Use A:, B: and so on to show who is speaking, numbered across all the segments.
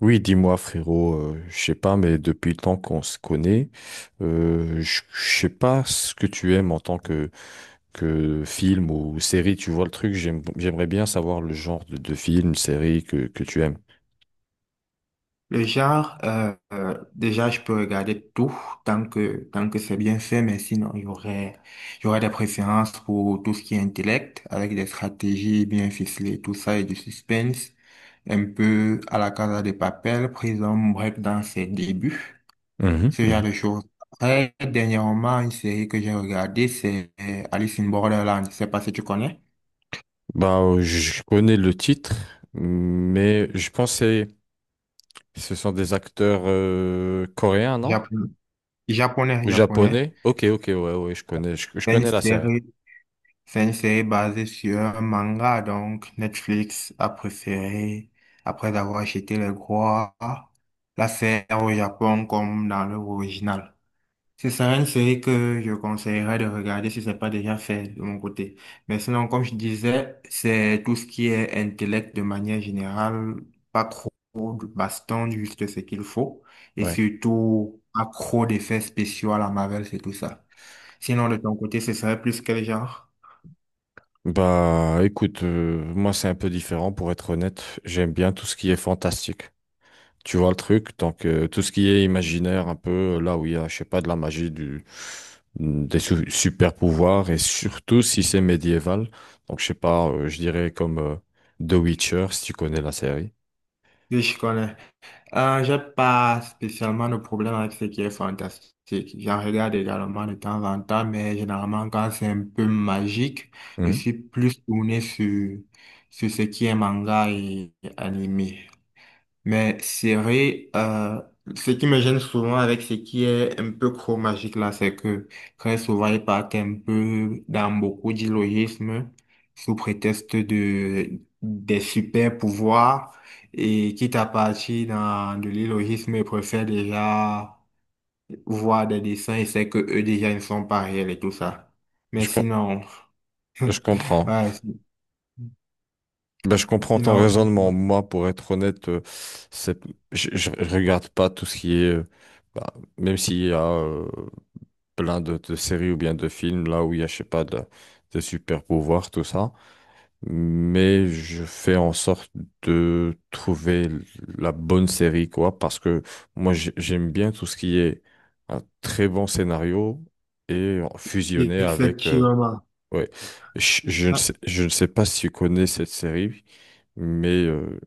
A: Oui, dis-moi frérot, je sais pas, mais depuis le temps qu'on se connaît, je sais pas ce que tu aimes en tant que film ou série, tu vois le truc, j'aimerais bien savoir le genre de film, série que tu aimes.
B: Le genre, déjà, je peux regarder tout tant que c'est bien fait, mais sinon, il y aurait des préférences pour tout ce qui est intellect, avec des stratégies bien ficelées, tout ça, et du suspense, un peu à la Casa de Papel, Prison Break dans ses débuts,
A: Mhm,
B: ce genre
A: mhm.
B: de choses. Après, dernièrement, une série que j'ai regardée, c'est Alice in Borderland. Je sais pas si tu connais.
A: Bah, je connais le titre, mais je pensais ce sont des acteurs coréens, non?
B: Japonais, japonais,
A: Ou
B: japonais.
A: japonais? Ok, ok, ouais, ouais, je connais, je
B: C'est une
A: connais la série.
B: série C'est une série basée sur un manga, donc Netflix a préféré, après avoir acheté les droits, la faire au Japon comme dans l'œuvre originale. Ce serait une série que je conseillerais de regarder si ce n'est pas déjà fait de mon côté. Mais sinon, comme je disais, c'est tout ce qui est intellect de manière générale, pas trop de baston, juste ce qu'il faut, et
A: Ouais.
B: surtout accro d'effets spéciaux à la Marvel, c'est tout ça. Sinon, de ton côté, ce serait plus quel genre?
A: Bah écoute, moi c'est un peu différent pour être honnête. J'aime bien tout ce qui est fantastique. Tu vois le truc, donc tout ce qui est imaginaire, un peu là où il y a, je sais pas, de la magie, du, super pouvoirs et surtout si c'est médiéval. Donc je sais pas, je dirais comme The Witcher si tu connais la série.
B: Oui, je connais. J'ai pas spécialement de problème avec ce qui est fantastique. J'en regarde également de temps en temps, mais généralement quand c'est un peu magique, je
A: Mhm.
B: suis plus tourné sur ce qui est manga et animé. Mais c'est vrai, ce qui me gêne souvent avec ce qui est un peu chromagique là, c'est que très souvent ils partent un peu dans beaucoup d'illogisme sous prétexte de des super pouvoirs et quitte à partir dans de l'illogisme, ils préfèrent déjà voir des dessins et c'est que eux déjà ne sont pas réels et tout ça. Mais
A: Je, com-
B: sinon,
A: je comprends.
B: ouais, si,
A: Ben, je comprends ton
B: sinon,
A: raisonnement. Moi, pour être honnête, c'est, je, je regarde pas tout ce qui est, bah, même s'il y a plein de séries ou bien de films là où il y a, je sais pas, de, des super pouvoirs, tout ça. Mais je fais en sorte de trouver la bonne série, quoi, parce que moi, j'aime bien tout ce qui est un très bon scénario et fusionné avec
B: effectivement.
A: ouais.
B: Ah,
A: Je ne sais pas si tu connais cette série, mais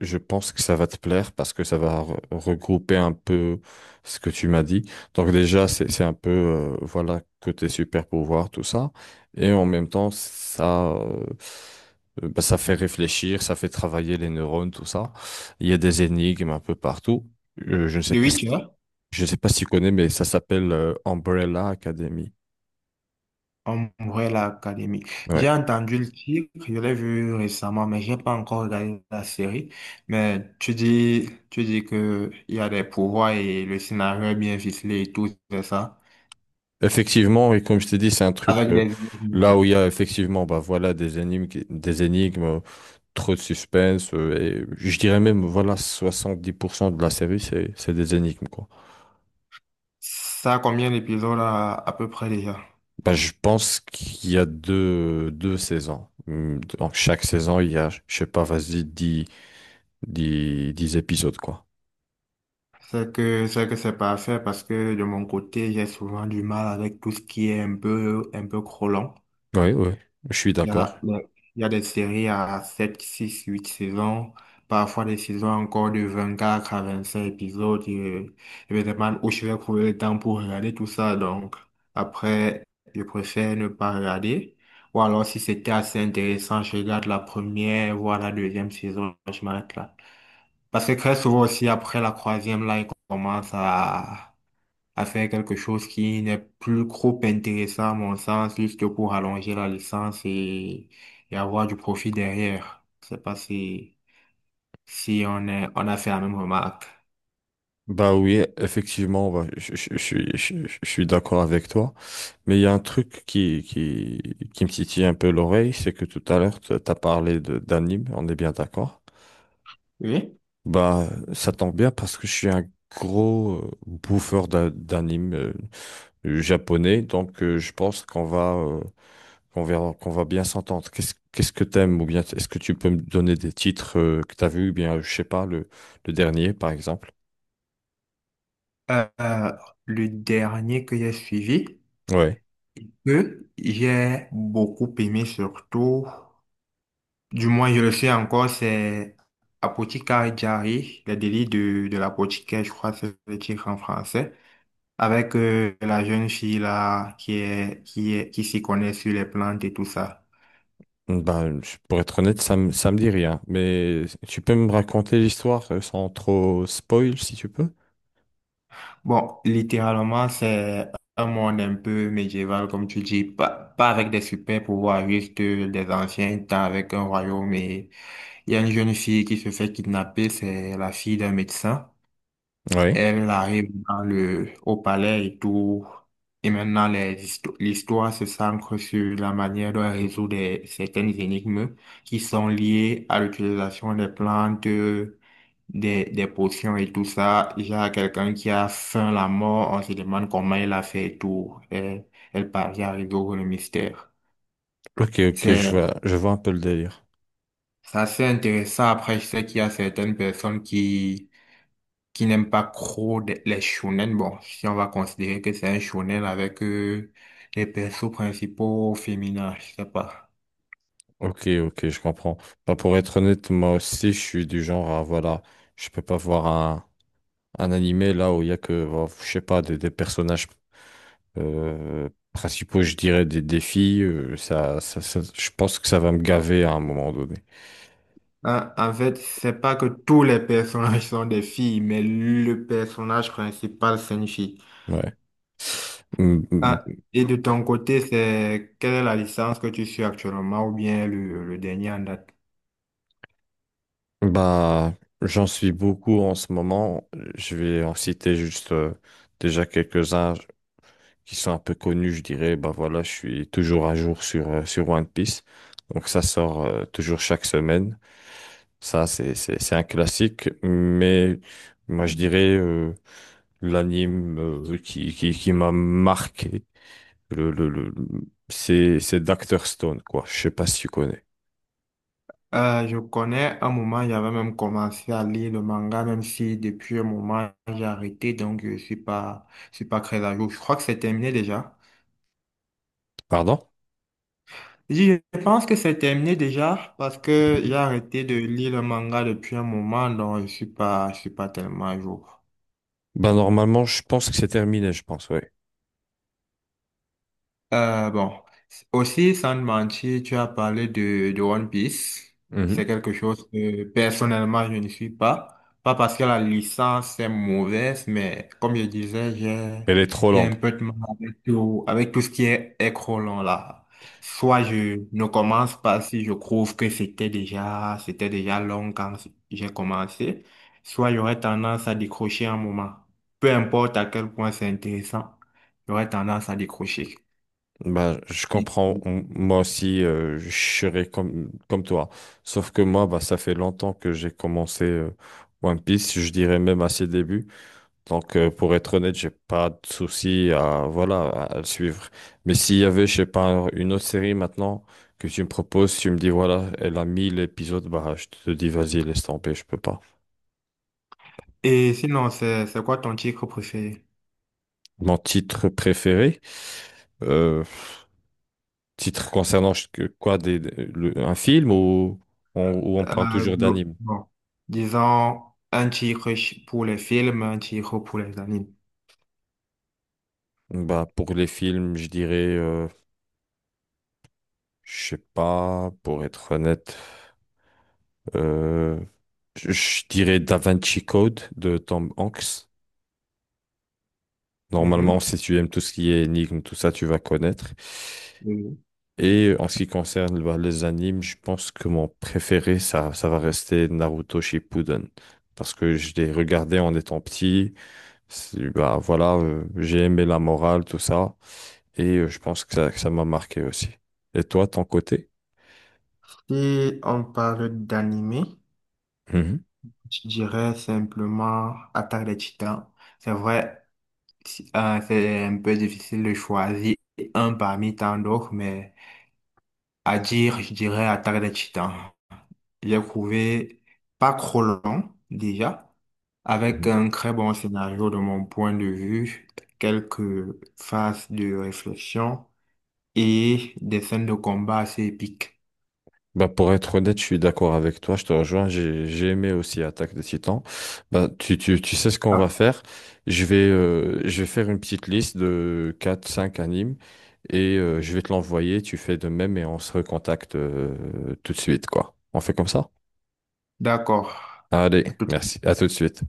A: je pense que ça va te plaire parce que ça va regrouper un peu ce que tu m'as dit. Donc déjà, c'est un peu, voilà, côté super pouvoir, tout ça. Et en même temps, ça, bah, ça fait réfléchir, ça fait travailler les neurones, tout ça. Il y a des énigmes un peu partout. Je ne sais
B: de
A: pas
B: oui.
A: si, je ne sais pas si tu connais, mais ça s'appelle Umbrella Academy.
B: En vrai, l'académie.
A: Ouais.
B: J'ai entendu le titre, je l'ai vu récemment, mais j'ai pas encore regardé la série. Mais tu dis que il y a des pouvoirs et le scénario est bien ficelé et tout, c'est ça.
A: Effectivement, et comme je t'ai dit, c'est un truc
B: Avec des
A: là
B: énigmes.
A: où il y a effectivement bah voilà des énigmes, des énigmes, trop de suspense et je dirais même voilà 70% de la série c'est des énigmes quoi.
B: Ça a combien d'épisodes à peu près déjà?
A: Bah je pense qu'il y a deux saisons. Donc chaque saison il y a je sais pas vas-y 10 épisodes quoi.
B: C'est parfait parce que de mon côté, j'ai souvent du mal avec tout ce qui est un peu trop long.
A: Oui, oui, je suis
B: Il y
A: d'accord.
B: a, il y a il y a des séries à 7 6 8 saisons, parfois des saisons encore de 24 à 25 épisodes. Et je me demande où je vais trouver le temps pour regarder tout ça. Donc, après, je préfère ne pas regarder. Ou alors, si c'était assez intéressant, je regarde la première, voire la deuxième saison, je m'arrête là. Parce que très souvent aussi, après la troisième, là, il commence à faire quelque chose qui n'est plus trop intéressant à mon sens, juste pour allonger la licence, et avoir du profit derrière. Je sais pas si on a fait la même remarque.
A: Bah oui, effectivement, bah, je, je suis, je, je suis d'accord avec toi. Mais il y a un truc qui me titille un peu l'oreille, c'est que tout à l'heure, tu as parlé d'anime, on est bien d'accord.
B: Oui.
A: Bah, ça tombe bien parce que je suis un gros bouffeur d'anime japonais, donc je pense qu'on va, qu'on verra, qu'on va bien s'entendre. Qu'est-ce, qu'est-ce que t'aimes ou bien est-ce que tu peux me donner des titres que t'as vus, ou bien, je sais pas, le dernier, par exemple?
B: Euh, euh, le dernier que j'ai suivi,
A: Ouais.
B: que j'ai beaucoup aimé surtout, du moins je le sais encore, c'est Apothecary Diary, les délits de l'apothicaire, je crois que c'est le titre en français, avec la jeune fille là qui s'y connaît sur les plantes et tout ça.
A: Bah, pour être honnête, ça me dit rien. Mais tu peux me raconter l'histoire sans trop spoil, si tu peux?
B: Bon, littéralement, c'est un monde un peu médiéval comme tu dis, pas avec des super pouvoirs, juste des anciens temps avec un royaume, et il y a une jeune fille qui se fait kidnapper, c'est la fille d'un médecin.
A: Oui.
B: Elle arrive dans le, au palais et tout. Et maintenant, l'histoire se centre sur la manière de résoudre certaines énigmes qui sont liées à l'utilisation des plantes, des potions et tout ça. Il y a quelqu'un qui a faim, la mort, on se demande comment il a fait et tout. Et elle parvient à résoudre le mystère.
A: Ok, ok,
B: C'est
A: je vois un peu le délire.
B: c'est assez intéressant. Après, je sais qu'il y a certaines personnes qui n'aime pas trop les shonen. Bon, si on va considérer que c'est un shonen avec les persos principaux féminins, je sais pas.
A: Ok, ok, je comprends. Bah, pour être honnête, moi aussi, je suis du genre à, voilà, je peux pas voir un animé là où il y a que, bah, je sais pas, des personnages principaux, je dirais, des défis. Ça, ça, je pense que ça va me gaver à un moment donné.
B: Hein, en fait, c'est pas que tous les personnages sont des filles, mais le personnage principal, c'est une fille.
A: Ouais. Mm.
B: Hein, et de ton côté, c'est quelle est la licence que tu suis actuellement ou bien le dernier en date?
A: Bah, j'en suis beaucoup en ce moment. Je vais en citer juste déjà quelques-uns qui sont un peu connus, je dirais. Bah voilà, je suis toujours à jour sur, sur One Piece. Donc ça sort toujours chaque semaine. Ça, c'est un classique. Mais moi, je dirais l'anime qui m'a marqué, le, c'est Dr. Stone, quoi. Je sais pas si tu connais.
B: Je connais, un moment j'avais même commencé à lire le manga, même si depuis un moment j'ai arrêté, donc je suis pas très à jour. Je crois que c'est terminé déjà.
A: Pardon?
B: Je pense que c'est terminé déjà parce que j'ai arrêté de lire le manga depuis un moment, donc je suis pas tellement à jour.
A: Bah normalement, je pense que c'est terminé, je pense,
B: Bon, aussi sans te mentir, tu as parlé de One Piece. C'est
A: oui.
B: quelque chose que personnellement je ne suis pas. Pas parce que la licence est mauvaise, mais comme je disais, j'ai,
A: Elle est trop
B: j'ai
A: longue.
B: un peu de mal avec tout ce qui est écran là. Soit je ne commence pas si je trouve que c'était déjà long quand j'ai commencé, soit j'aurais tendance à décrocher un moment. Peu importe à quel point c'est intéressant, j'aurais tendance à décrocher.
A: Bah, je
B: Et
A: comprends. Moi aussi, je serais comme, comme toi. Sauf que moi, bah, ça fait longtemps que j'ai commencé One Piece. Je dirais même à ses débuts. Donc, pour être honnête, j'ai pas de souci à, voilà, à le suivre. Mais s'il y avait, je sais pas, une autre série maintenant que tu me proposes, tu me dis, voilà, elle a 1000 épisodes, bah, je te dis, vas-y, laisse tomber, je peux pas.
B: et sinon, c'est quoi ton titre préféré?
A: Mon titre préféré. euh, Titre concernant quoi des, un film ou on
B: Euh,
A: parle toujours d'anime?
B: bon, disons un titre pour les films, un titre pour les animes.
A: Bah, pour les films, je dirais, je sais pas, pour être honnête, euh, je dirais Da Vinci Code de Tom Hanks. Normalement,
B: Mhm.
A: si tu aimes tout ce qui est énigme, tout ça, tu vas connaître.
B: Oui.
A: Et en ce qui concerne bah, les animes, je pense que mon préféré, ça va rester Naruto Shippuden. Parce que je l'ai regardé en étant petit. C'est- Bah, voilà, j'ai aimé la morale, tout ça, et je pense que ça m'a marqué aussi. Et toi, ton côté?
B: Si on parle d'anime,
A: Mhm.
B: je dirais simplement Attaque des Titans. C'est vrai, c'est un peu difficile de choisir un parmi tant d'autres, mais à dire, je dirais Attaque des Titans. J'ai trouvé pas trop long déjà, avec
A: Mhm.
B: un très bon scénario de mon point de vue, quelques phases de réflexion et des scènes de combat assez épiques.
A: Bah, pour être honnête, je suis d'accord avec toi, je te rejoins, j'ai aimé aussi Attaque des Titans. Bah, tu sais ce qu'on va
B: Ah,
A: faire? Je vais faire une petite liste de quatre cinq animes, et je vais te l'envoyer, tu fais de même, et on se recontacte tout de suite, quoi. On fait comme ça?
B: d'accord.
A: Allez, merci, à tout de suite.